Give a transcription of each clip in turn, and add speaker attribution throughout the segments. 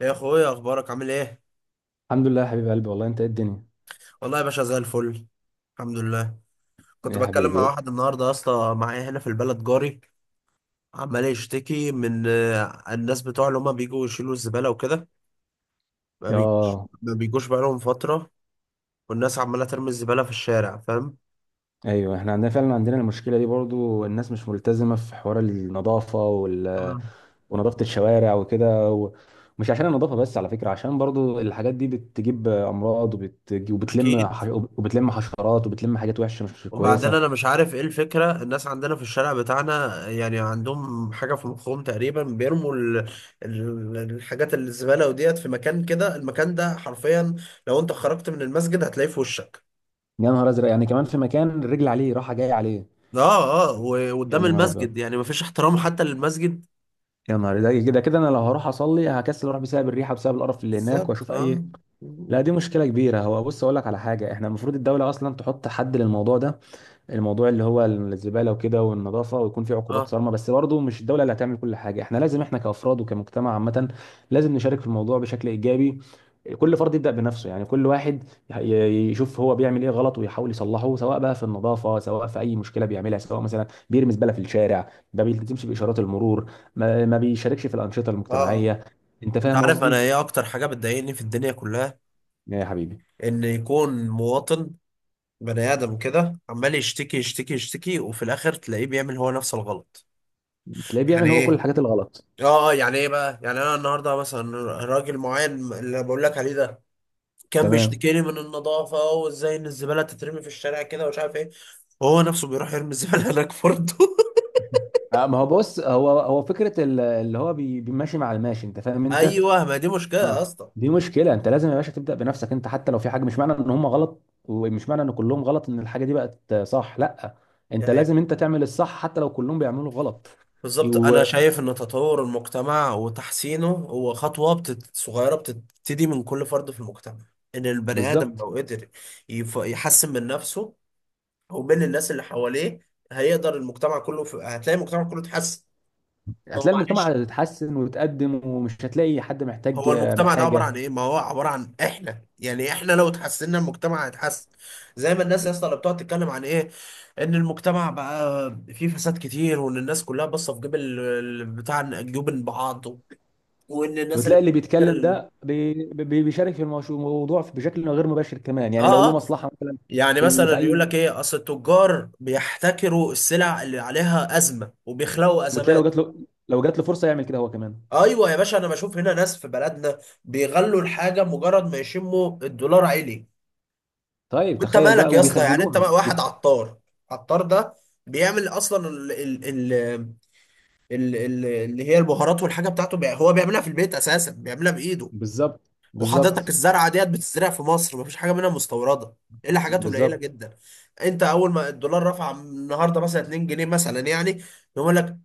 Speaker 1: يا اخويا، اخبارك عامل ايه؟
Speaker 2: الحمد لله يا حبيب قلبي، والله انت ايه الدنيا.
Speaker 1: والله يا باشا زي الفل. الحمد لله. كنت
Speaker 2: يا
Speaker 1: بتكلم مع
Speaker 2: حبيبي.
Speaker 1: واحد النهارده يا اسطى، معايا هنا في البلد، جاري عمال يشتكي من الناس بتوع اللي هما بيجوا يشيلوا الزباله وكده. ما بيجوش
Speaker 2: اه.
Speaker 1: ما بيجوش بقالهم فتره. والناس عماله ترمي الزباله في الشارع، فاهم؟
Speaker 2: ايوه، احنا عندنا فعلا المشكله دي برضو، الناس مش ملتزمه في حوار النظافه
Speaker 1: آه.
Speaker 2: ونظافه الشوارع وكده. ومش عشان النظافه بس على فكره، عشان برضو الحاجات دي بتجيب امراض
Speaker 1: اكيد.
Speaker 2: وبتلم حشرات وبتلم حاجات وحشه مش
Speaker 1: وبعدين
Speaker 2: كويسه.
Speaker 1: انا مش عارف ايه الفكره، الناس عندنا في الشارع بتاعنا يعني عندهم حاجه في مخهم، تقريبا بيرموا الحاجات الزباله وديت في مكان كده. المكان ده حرفيا، لو انت خرجت من المسجد هتلاقيه في وشك.
Speaker 2: يا نهار ازرق، يعني كمان في مكان الرجل عليه راحه جايه عليه.
Speaker 1: اه، اه،
Speaker 2: يا
Speaker 1: وقدام
Speaker 2: نهار ابيض.
Speaker 1: المسجد، يعني مفيش احترام حتى للمسجد.
Speaker 2: يا نهار، ده كده كده انا لو هروح اصلي هكسل اروح بسبب الريحه، بسبب القرف اللي هناك،
Speaker 1: بالظبط،
Speaker 2: واشوف اي.
Speaker 1: اه،
Speaker 2: لا، دي مشكلة كبيرة. هو بص، أقول لك على حاجة، إحنا المفروض الدولة أصلا تحط حد للموضوع ده، الموضوع اللي هو الزبالة وكده والنظافة، ويكون في عقوبات
Speaker 1: اه،
Speaker 2: صارمة. بس برضه مش الدولة اللي هتعمل كل حاجة، إحنا لازم إحنا كأفراد وكمجتمع عامة لازم نشارك في الموضوع بشكل إيجابي. كل فرد يبدأ بنفسه، يعني كل واحد يشوف هو بيعمل إيه غلط ويحاول يصلحه، سواء بقى في النظافة، سواء في أي مشكلة بيعملها، سواء مثلا بيرمي زبالة في الشارع، ما بيلتزمش بإشارات المرور، ما بيشاركش في الأنشطة
Speaker 1: اه.
Speaker 2: المجتمعية. أنت
Speaker 1: انت
Speaker 2: فاهم
Speaker 1: عارف انا
Speaker 2: قصدي؟
Speaker 1: ايه اكتر حاجه بتضايقني في الدنيا كلها؟
Speaker 2: يا حبيبي.
Speaker 1: ان يكون مواطن بني ادم كده عمال يشتكي يشتكي يشتكي، وفي الاخر تلاقيه بيعمل هو نفس الغلط.
Speaker 2: تلاقيه
Speaker 1: يعني
Speaker 2: بيعمل هو كل
Speaker 1: ايه؟
Speaker 2: الحاجات الغلط.
Speaker 1: اه. يعني ايه بقى؟ يعني انا النهارده مثلا، راجل معين اللي بقول لك عليه ده، كان
Speaker 2: تمام.
Speaker 1: بيشتكيني من النظافه وازاي ان الزباله تترمي في الشارع كده ومش عارف ايه، وهو نفسه بيروح يرمي الزباله هناك برضه.
Speaker 2: ما هو بص، هو فكره اللي هو بيمشي مع الماشي، انت فاهم انت.
Speaker 1: ايوه، ما دي مشكله يا
Speaker 2: اه.
Speaker 1: اسطى.
Speaker 2: دي مشكله، انت لازم يا باشا تبدا بنفسك انت. حتى لو في حاجه، مش معنى ان هم غلط ومش معنى ان كلهم غلط ان الحاجه دي بقت صح، لا. انت
Speaker 1: يعني
Speaker 2: لازم انت تعمل الصح حتى لو كلهم بيعملوا غلط.
Speaker 1: بالظبط، انا شايف ان تطور المجتمع وتحسينه هو خطوه صغيره بتبتدي من كل فرد في المجتمع. ان البني ادم
Speaker 2: وبالظبط.
Speaker 1: لو قدر يحسن من نفسه ومن الناس اللي حواليه، هيقدر المجتمع كله هتلاقي المجتمع كله اتحسن. ما هو
Speaker 2: هتلاقي المجتمع
Speaker 1: معلش،
Speaker 2: هيتحسن ويتقدم، ومش هتلاقي حد محتاج
Speaker 1: هو المجتمع ده عبارة عن
Speaker 2: حاجه.
Speaker 1: ايه؟ ما هو عبارة عن احنا، يعني احنا لو اتحسنا المجتمع هيتحسن. زي ما الناس يا اسطى اللي بتقعد تتكلم عن ايه؟ ان المجتمع بقى فيه فساد كتير، وان الناس كلها باصة في جيب بتاع جيوب بعض. وان الناس اللي
Speaker 2: وتلاقي اللي
Speaker 1: بتفكر
Speaker 2: بيتكلم ده بيشارك في الموضوع بشكل غير مباشر كمان، يعني لو
Speaker 1: اه،
Speaker 2: له
Speaker 1: اه.
Speaker 2: مصلحه مثلا
Speaker 1: يعني
Speaker 2: في في
Speaker 1: مثلا يقول
Speaker 2: اي.
Speaker 1: لك ايه، اصل التجار بيحتكروا السلع اللي عليها ازمة وبيخلقوا
Speaker 2: وتلاقي
Speaker 1: ازمات.
Speaker 2: لو جات له فرصه يعمل كده هو كمان.
Speaker 1: ايوه يا باشا، انا بشوف هنا ناس في بلدنا بيغلوا الحاجة مجرد ما يشموا الدولار عالي.
Speaker 2: طيب
Speaker 1: انت
Speaker 2: تخيل
Speaker 1: مالك
Speaker 2: بقى،
Speaker 1: يا اسطى، يعني انت
Speaker 2: وبيخزنوها
Speaker 1: بقى واحد عطار. عطار ده بيعمل اصلا ال ال ال ال ال اللي هي البهارات، والحاجه بتاعته، هو بيعملها في البيت اساسا، بيعملها بايده.
Speaker 2: بالظبط،
Speaker 1: وحضرتك
Speaker 2: بالظبط،
Speaker 1: الزرعه ديت بتزرع في مصر، مفيش حاجه منها مستورده الا حاجات قليله
Speaker 2: بالظبط.
Speaker 1: جدا. انت اول ما الدولار رفع النهارده مثلا 2 جنيه مثلا يعني، يقول لك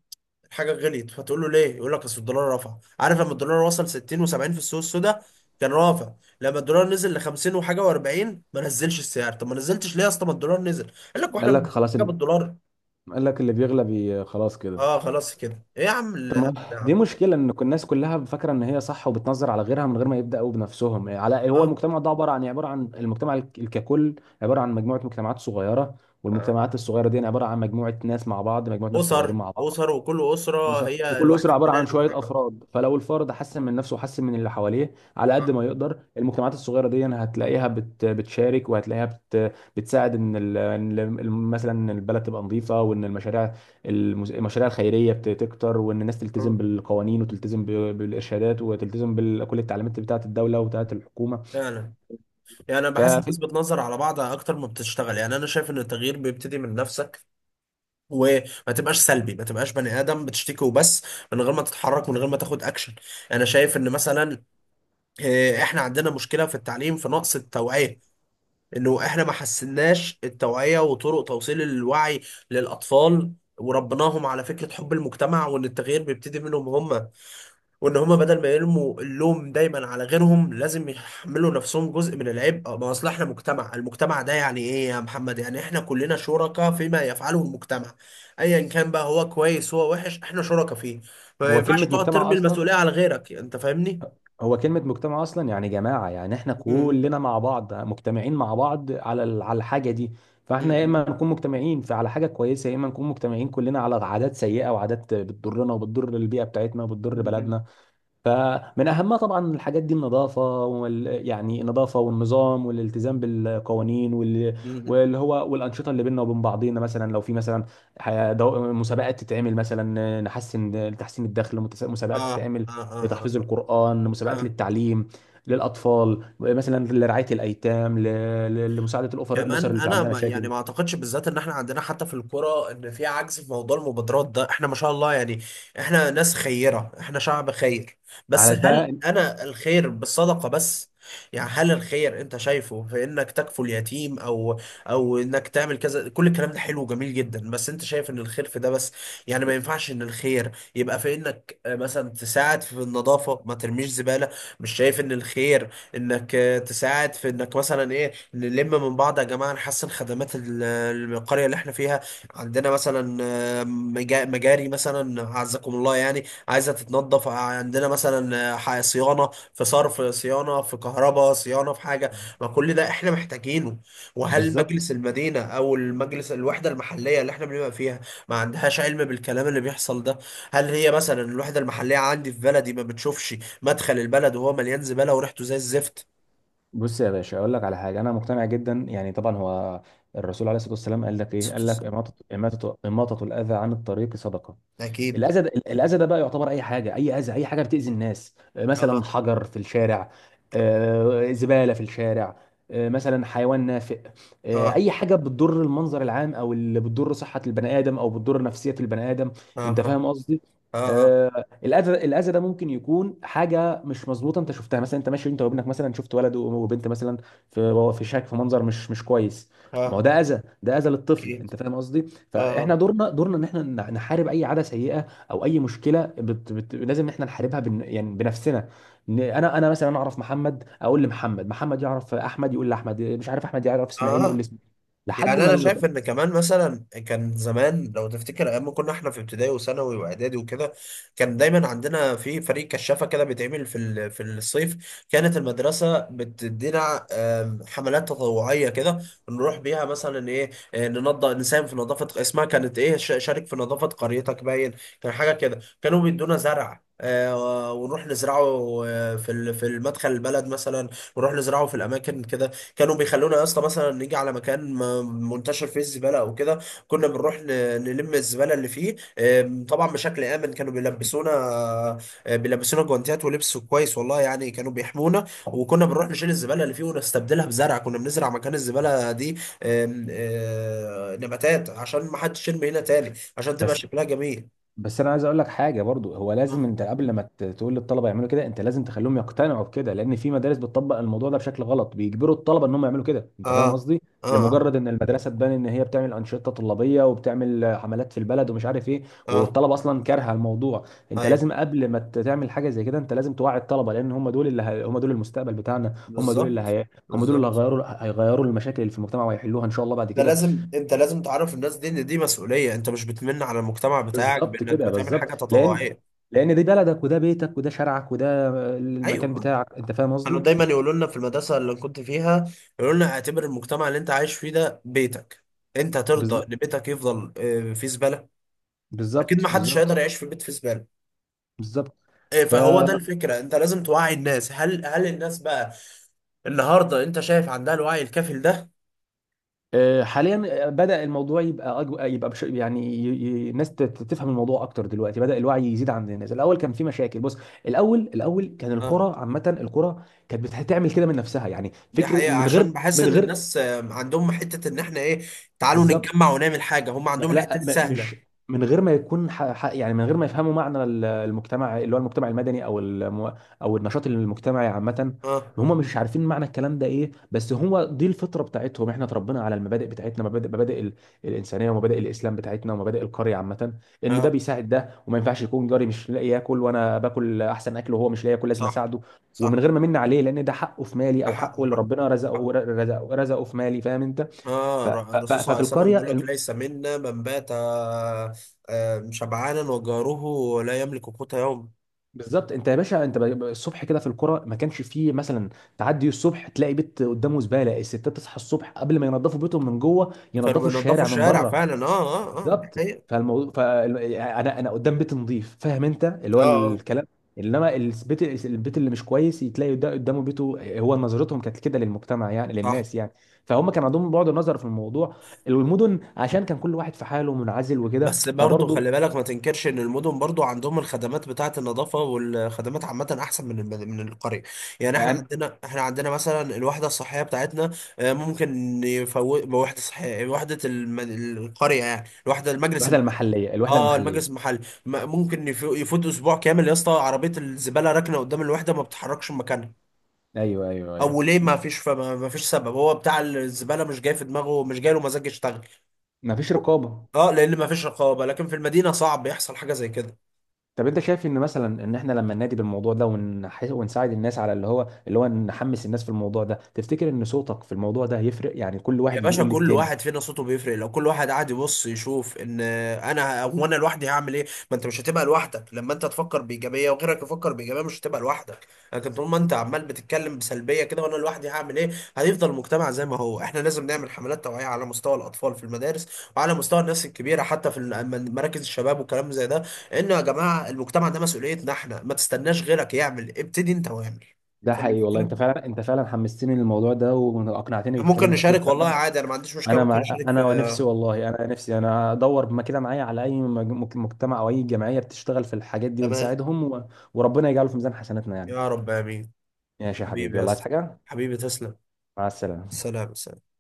Speaker 1: الحاجه غليت، فتقول له ليه؟ يقول لك اصل الدولار رفع. عارف لما الدولار وصل 60 و70 في السوق السوداء كان رافع؟ لما الدولار نزل ل 50 وحاجه و40، ما نزلش السعر. طب ما نزلتش ليه يا اسطى؟ ما الدولار نزل! قال لك واحنا
Speaker 2: قال لك
Speaker 1: بنجيب حاجه بالدولار.
Speaker 2: قال لك اللي بيغلب خلاص كده.
Speaker 1: اه، خلاص كده؟ ايه يا عم
Speaker 2: تمام.
Speaker 1: الهبل ده يا
Speaker 2: دي
Speaker 1: عم؟
Speaker 2: مشكله، ان الناس كلها فاكره ان هي صح وبتنظر على غيرها من غير ما يبداوا بنفسهم. إيه، على إيه، هو
Speaker 1: اه.
Speaker 2: المجتمع ده عباره عن المجتمع ككل، عباره عن مجموعه مجتمعات صغيره.
Speaker 1: آه.
Speaker 2: والمجتمعات الصغيره دي يعني عباره عن مجموعه ناس مع بعض، مجموعه ناس صغيرين
Speaker 1: اسر،
Speaker 2: مع بعض.
Speaker 1: اسر وكل اسره
Speaker 2: أسر.
Speaker 1: هي
Speaker 2: وكل
Speaker 1: الوحده
Speaker 2: أسرة عبارة
Speaker 1: بناء
Speaker 2: عن شوية
Speaker 1: المجتمع.
Speaker 2: أفراد. فلو الفرد حسن من نفسه وحسن من اللي حواليه على
Speaker 1: اه.
Speaker 2: قد ما يقدر، المجتمعات الصغيرة دي هتلاقيها بتشارك وهتلاقيها بتساعد، مثلا إن البلد تبقى نظيفة وإن المشاريع الخيرية تكتر، وإن الناس تلتزم
Speaker 1: آه.
Speaker 2: بالقوانين وتلتزم بالإرشادات وتلتزم بكل التعليمات بتاعة الدولة وبتاعة الحكومة.
Speaker 1: فعلا. يعني انا بحس الناس
Speaker 2: ففي
Speaker 1: بتنظر على بعض اكتر ما بتشتغل. يعني انا شايف ان التغيير بيبتدي من نفسك، وما تبقاش سلبي، ما تبقاش بني ادم بتشتكي وبس، من غير ما تتحرك، من غير ما تاخد اكشن. انا شايف ان مثلا احنا عندنا مشكله في التعليم، في نقص التوعيه. انه احنا ما حسناش التوعيه وطرق توصيل الوعي للاطفال، وربناهم على فكره حب المجتمع، وان التغيير بيبتدي منهم هم. وان هما بدل ما يرموا اللوم دايما على غيرهم، لازم يحملوا نفسهم جزء من العبء. ما اصل احنا مجتمع، المجتمع ده يعني ايه يا محمد؟ يعني احنا كلنا شركاء فيما يفعله المجتمع، ايا كان بقى، هو كويس هو وحش، احنا شركاء فيه. ما
Speaker 2: هو
Speaker 1: ينفعش
Speaker 2: كلمة
Speaker 1: تقعد
Speaker 2: مجتمع
Speaker 1: ترمي
Speaker 2: أصلا
Speaker 1: المسؤولية على غيرك، انت فاهمني؟
Speaker 2: هو كلمة مجتمع أصلا يعني جماعة، يعني إحنا
Speaker 1: م- م-
Speaker 2: كلنا مع بعض مجتمعين مع بعض على الحاجة دي. فإحنا يا
Speaker 1: م-
Speaker 2: إما نكون مجتمعين على حاجة كويسة، يا إما نكون مجتمعين كلنا على عادات سيئة وعادات بتضرنا وبتضر البيئة بتاعتنا وبتضر
Speaker 1: م- م-
Speaker 2: بلدنا. فمن اهمها طبعا الحاجات دي النظافه يعني النظافه والنظام والالتزام بالقوانين وال...
Speaker 1: م- م- م-
Speaker 2: واللي هو والانشطه اللي بيننا وبين بعضينا، مثلا لو في مثلا مسابقات تتعمل، مثلا نحسن لتحسين الدخل، مسابقات
Speaker 1: اه،
Speaker 2: تتعمل
Speaker 1: اه، اه،
Speaker 2: لتحفيظ القران، مسابقات
Speaker 1: اه.
Speaker 2: للتعليم للاطفال مثلا، لرعايه الايتام، لمساعده الاسر
Speaker 1: كمان
Speaker 2: اللي في
Speaker 1: انا،
Speaker 2: عندها
Speaker 1: ما يعني،
Speaker 2: مشاكل.
Speaker 1: ما اعتقدش بالذات ان احنا عندنا حتى في الكرة ان في عجز في موضوع المبادرات ده، احنا ما شاء الله يعني. احنا ناس خيرة، احنا شعب خير. بس
Speaker 2: على
Speaker 1: هل
Speaker 2: بقى
Speaker 1: انا الخير بالصدقة بس؟ يعني هل الخير انت شايفه في انك تكفل اليتيم، او انك تعمل كذا؟ كل الكلام ده حلو وجميل جدا، بس انت شايف ان الخير في ده بس؟ يعني ما ينفعش ان الخير يبقى في انك مثلا تساعد في النظافة، ما ترميش زبالة؟ مش شايف ان الخير انك تساعد في انك مثلا ايه، نلم من بعض يا جماعة، نحسن خدمات القرية اللي احنا فيها؟ عندنا مثلا مجاري مثلا أعزكم الله، يعني عايزة تتنظف. عندنا مثلا صيانة، في صرف صيانة، في كهرباء صيانة، في حاجة. ما كل ده احنا محتاجينه. وهل
Speaker 2: بالظبط.
Speaker 1: مجلس المدينة أو المجلس الوحدة المحلية اللي احنا بنبقى فيها ما عندهاش علم بالكلام اللي بيحصل ده؟ هل هي مثلا الوحدة المحلية عندي في بلدي ما بتشوفش مدخل البلد وهو مليان زبالة وريحته زي الزفت؟
Speaker 2: بص يا باشا، اقول لك على حاجه. انا مقتنع جدا، يعني طبعا هو الرسول عليه الصلاه والسلام قال لك ايه، قال لك اماطه الاذى عن الطريق صدقه.
Speaker 1: أكيد.
Speaker 2: الاذى ده بقى يعتبر اي حاجه، اي اذى، اي حاجه بتاذي الناس. مثلا
Speaker 1: أها.
Speaker 2: حجر في الشارع، زباله في الشارع، مثلا حيوان نافق،
Speaker 1: اه،
Speaker 2: اي حاجه بتضر المنظر العام او اللي بتضر صحه البني ادم او بتضر نفسيه البني ادم.
Speaker 1: اه،
Speaker 2: انت فاهم قصدي.
Speaker 1: اه، اه،
Speaker 2: الاذى ده ممكن يكون حاجه مش مظبوطه انت شفتها، مثلا انت ماشي انت وابنك، مثلا شفت ولد وبنت مثلا في شك في منظر مش كويس. ما
Speaker 1: اه.
Speaker 2: هو ده اذى، ده اذى للطفل.
Speaker 1: اوكي.
Speaker 2: انت فاهم قصدي. فاحنا
Speaker 1: اه،
Speaker 2: دورنا ان احنا نحارب اي عاده سيئه، او اي مشكله لازم إن احنا نحاربها يعني بنفسنا. إن انا مثلا اعرف محمد اقول لمحمد، محمد يعرف احمد يقول لاحمد، مش عارف احمد يعرف اسماعيل يقول
Speaker 1: اه.
Speaker 2: لاسماعيل لحد
Speaker 1: يعني
Speaker 2: ما
Speaker 1: انا شايف ان كمان مثلا كان زمان، لو تفتكر ايام ما كنا احنا في ابتدائي وثانوي واعدادي وكده، كان دايما عندنا في فريق كشافه كده بيتعمل في الصيف. كانت المدرسه بتدينا حملات تطوعيه كده، نروح بيها مثلا ايه ننضف، نساهم في نظافه. اسمها كانت ايه، شارك في نظافه قريتك، باين. كان حاجه كده، كانوا بيدونا زرع ونروح نزرعه، في المدخل البلد مثلا، ونروح نزرعه في الاماكن كده. كانوا بيخلونا يا اسطى مثلا نيجي على مكان منتشر فيه الزباله او كده، كنا بنروح نلم الزباله اللي فيه. طبعا بشكل امن، كانوا بيلبسونا، بيلبسونا جوانتيات ولبس كويس والله يعني، كانوا بيحمونا. وكنا بنروح نشيل الزباله اللي فيه ونستبدلها بزرع، كنا بنزرع مكان الزباله دي آم، آه، نباتات، عشان ما حدش يرمي هنا تاني، عشان تبقى
Speaker 2: بس
Speaker 1: شكلها جميل.
Speaker 2: بس انا عايز اقول لك حاجه برضو، هو
Speaker 1: اه،
Speaker 2: لازم انت قبل ما تقول للطلبه يعملوا كده انت لازم تخليهم يقتنعوا بكده، لان في مدارس بتطبق الموضوع ده بشكل غلط، بيجبروا الطلبه ان هم يعملوا كده. انت
Speaker 1: اه،
Speaker 2: فاهم قصدي.
Speaker 1: اه،
Speaker 2: لمجرد ان المدرسه تبان ان هي بتعمل انشطه طلابيه وبتعمل حملات في البلد ومش عارف ايه،
Speaker 1: آه.
Speaker 2: والطلبه اصلا كارهه الموضوع. انت
Speaker 1: ايوه،
Speaker 2: لازم قبل ما تعمل حاجه زي كده انت لازم توعي الطلبه، لان هم دول هم دول المستقبل بتاعنا،
Speaker 1: بالظبط،
Speaker 2: هم دول اللي
Speaker 1: بالظبط.
Speaker 2: هيغيروا المشاكل اللي في المجتمع ويحلوها ان شاء الله بعد
Speaker 1: ده
Speaker 2: كده.
Speaker 1: لازم، انت لازم تعرف الناس دي ان دي مسؤوليه، انت مش بتمن على المجتمع بتاعك
Speaker 2: بالظبط
Speaker 1: بانك
Speaker 2: كده
Speaker 1: بتعمل
Speaker 2: بالظبط،
Speaker 1: حاجه
Speaker 2: لان
Speaker 1: تطوعيه.
Speaker 2: لان دي بلدك وده بيتك وده شارعك وده المكان
Speaker 1: ايوه.
Speaker 2: بتاعك، انت فاهم
Speaker 1: كانوا
Speaker 2: قصدي.
Speaker 1: دايما يقولوا لنا في المدرسه اللي كنت فيها، يقولوا لنا اعتبر المجتمع اللي انت عايش فيه ده بيتك. انت ترضى
Speaker 2: بالظ-
Speaker 1: ان بيتك يفضل فيه زباله؟ اكيد
Speaker 2: بالظبط،
Speaker 1: ما حدش هيقدر
Speaker 2: بالظبط،
Speaker 1: يعيش في بيت فيه زباله.
Speaker 2: بالظبط.
Speaker 1: اه،
Speaker 2: ف
Speaker 1: فهو ده الفكره، انت لازم توعي الناس. هل هل الناس بقى النهارده انت شايف عندها الوعي الكافي ده؟
Speaker 2: حاليا، بدأ الموضوع يبقى أجو... يبقى بش... يعني ي... ي... الناس تفهم الموضوع اكتر دلوقتي، بدأ الوعي يزيد عند الناس. الاول كان في مشاكل بص، الاول كان القرى، عامة القرى كانت بتعمل كده من نفسها، يعني
Speaker 1: دي
Speaker 2: فكرة
Speaker 1: حقيقة،
Speaker 2: من غير
Speaker 1: عشان بحس
Speaker 2: من
Speaker 1: ان
Speaker 2: غير
Speaker 1: الناس عندهم حتة ان احنا ايه، تعالوا
Speaker 2: بالظبط.
Speaker 1: نتجمع ونعمل حاجة، هم عندهم الحتة
Speaker 2: لا
Speaker 1: دي
Speaker 2: مش
Speaker 1: سهلة.
Speaker 2: من غير ما يكون يعني من غير ما يفهموا معنى المجتمع اللي هو المجتمع المدني او او النشاط المجتمعي عامه،
Speaker 1: اه،
Speaker 2: هم مش عارفين معنى الكلام ده ايه، بس هو دي الفطره بتاعتهم. احنا اتربينا على المبادئ بتاعتنا، مبادئ الانسانيه ومبادئ الاسلام بتاعتنا ومبادئ القريه عامه، ان ده
Speaker 1: اه.
Speaker 2: بيساعد ده. وما ينفعش يكون جاري مش لاقي ياكل وانا باكل احسن اكل وهو مش لاقي ياكل، لازم
Speaker 1: صح،
Speaker 2: اساعده، ومن
Speaker 1: صح.
Speaker 2: غير ما من عليه، لان ده حقه في مالي،
Speaker 1: ده
Speaker 2: او
Speaker 1: حق،
Speaker 2: حقه
Speaker 1: ده
Speaker 2: اللي
Speaker 1: حق.
Speaker 2: ربنا رزقه
Speaker 1: حق.
Speaker 2: رزقه رزقه في مالي. فاهم انت.
Speaker 1: اه. الرسول صلى الله
Speaker 2: ففي
Speaker 1: عليه وسلم
Speaker 2: القريه
Speaker 1: بيقول لك، ليس منا من بات شبعانا وجاره لا يملك قوت يوم.
Speaker 2: بالظبط، انت يا باشا انت الصبح كده في القرى ما كانش فيه مثلا، تعدي الصبح تلاقي بيت قدامه زباله. الستات تصحى الصبح قبل ما ينظفوا بيتهم من جوه
Speaker 1: كانوا
Speaker 2: ينظفوا
Speaker 1: بينضفوا
Speaker 2: الشارع من
Speaker 1: الشارع
Speaker 2: بره.
Speaker 1: فعلا. اه. اه، اه، دي
Speaker 2: بالظبط،
Speaker 1: حقيقة.
Speaker 2: فالموضوع، فانا انا أنا قدام بيت نظيف، فاهم انت، اللي
Speaker 1: اه.
Speaker 2: هو الكلام. انما البيت اللي مش كويس تلاقي ده قدامه بيته. هو نظرتهم كانت كده للمجتمع، يعني
Speaker 1: صح.
Speaker 2: للناس يعني. فهم كان عندهم بعد النظر في الموضوع. المدن عشان كان كل واحد في حاله منعزل وكده
Speaker 1: بس برضه
Speaker 2: فبرضه.
Speaker 1: خلي بالك، ما تنكرش ان المدن برضه عندهم الخدمات بتاعه النظافه والخدمات عامه احسن من القريه. يعني احنا
Speaker 2: أنا-
Speaker 1: عندنا احنا عندنا مثلا الوحده الصحيه بتاعتنا. ممكن يفوت وحده صحيه، وحده القريه، يعني الوحده المجلس
Speaker 2: الوحده
Speaker 1: اه،
Speaker 2: المحليه.
Speaker 1: المجلس المحلي. ممكن يفوت اسبوع كامل يا اسطى، عربيه الزباله راكنه قدام الوحده ما بتتحركش من مكانها،
Speaker 2: ايوه، ايوه،
Speaker 1: او
Speaker 2: ايوه.
Speaker 1: ليه؟ ما فيش سبب، هو بتاع الزباله مش جاي في دماغه، مش جاي له مزاج يشتغل.
Speaker 2: مفيش رقابه.
Speaker 1: اه، لان ما فيش رقابه. لكن في المدينه صعب يحصل حاجه زي كده.
Speaker 2: طب انت شايف ان مثلا ان احنا لما ننادي بالموضوع ده ونساعد الناس على اللي هو نحمس الناس في الموضوع ده، تفتكر ان صوتك في الموضوع ده هيفرق، يعني كل
Speaker 1: يا
Speaker 2: واحد يجي
Speaker 1: باشا،
Speaker 2: يقول
Speaker 1: كل
Speaker 2: للتاني؟
Speaker 1: واحد فينا صوته بيفرق. لو كل واحد قاعد يبص يشوف ان انا، وانا لوحدي هعمل ايه، ما انت مش هتبقى لوحدك. لما انت تفكر بايجابيه وغيرك يفكر بايجابيه، مش هتبقى لوحدك. لكن طول ما انت عمال بتتكلم بسلبيه كده وانا لوحدي هعمل ايه، هيفضل المجتمع زي ما هو. احنا لازم نعمل حملات توعيه على مستوى الاطفال في المدارس، وعلى مستوى الناس الكبيره، حتى في مراكز الشباب والكلام زي ده. انه يا جماعه المجتمع ده مسؤوليتنا احنا، ما تستناش غيرك يعمل، ابتدي انت واعمل.
Speaker 2: ده
Speaker 1: فاهم
Speaker 2: حقيقي والله،
Speaker 1: الفكره؟
Speaker 2: انت فعلا حمستني للموضوع ده واقنعتني
Speaker 1: ممكن
Speaker 2: بكلام كتير
Speaker 1: نشارك والله،
Speaker 2: فعلا.
Speaker 1: عادي، انا ما عنديش مشكله،
Speaker 2: انا
Speaker 1: ممكن
Speaker 2: ما...
Speaker 1: نشارك في.
Speaker 2: انا نفسي والله، انا ادور ما كده معايا على اي مجتمع او اي جمعيه بتشتغل في الحاجات دي
Speaker 1: تمام.
Speaker 2: ونساعدهم وربنا يجعله في ميزان حسناتنا يعني.
Speaker 1: يا رب، امين.
Speaker 2: ماشي يا
Speaker 1: حبيبي
Speaker 2: حبيبي،
Speaker 1: يا
Speaker 2: والله عايز
Speaker 1: اسطى،
Speaker 2: حاجه.
Speaker 1: حبيبي تسلم.
Speaker 2: مع السلامه.
Speaker 1: سلام، سلام.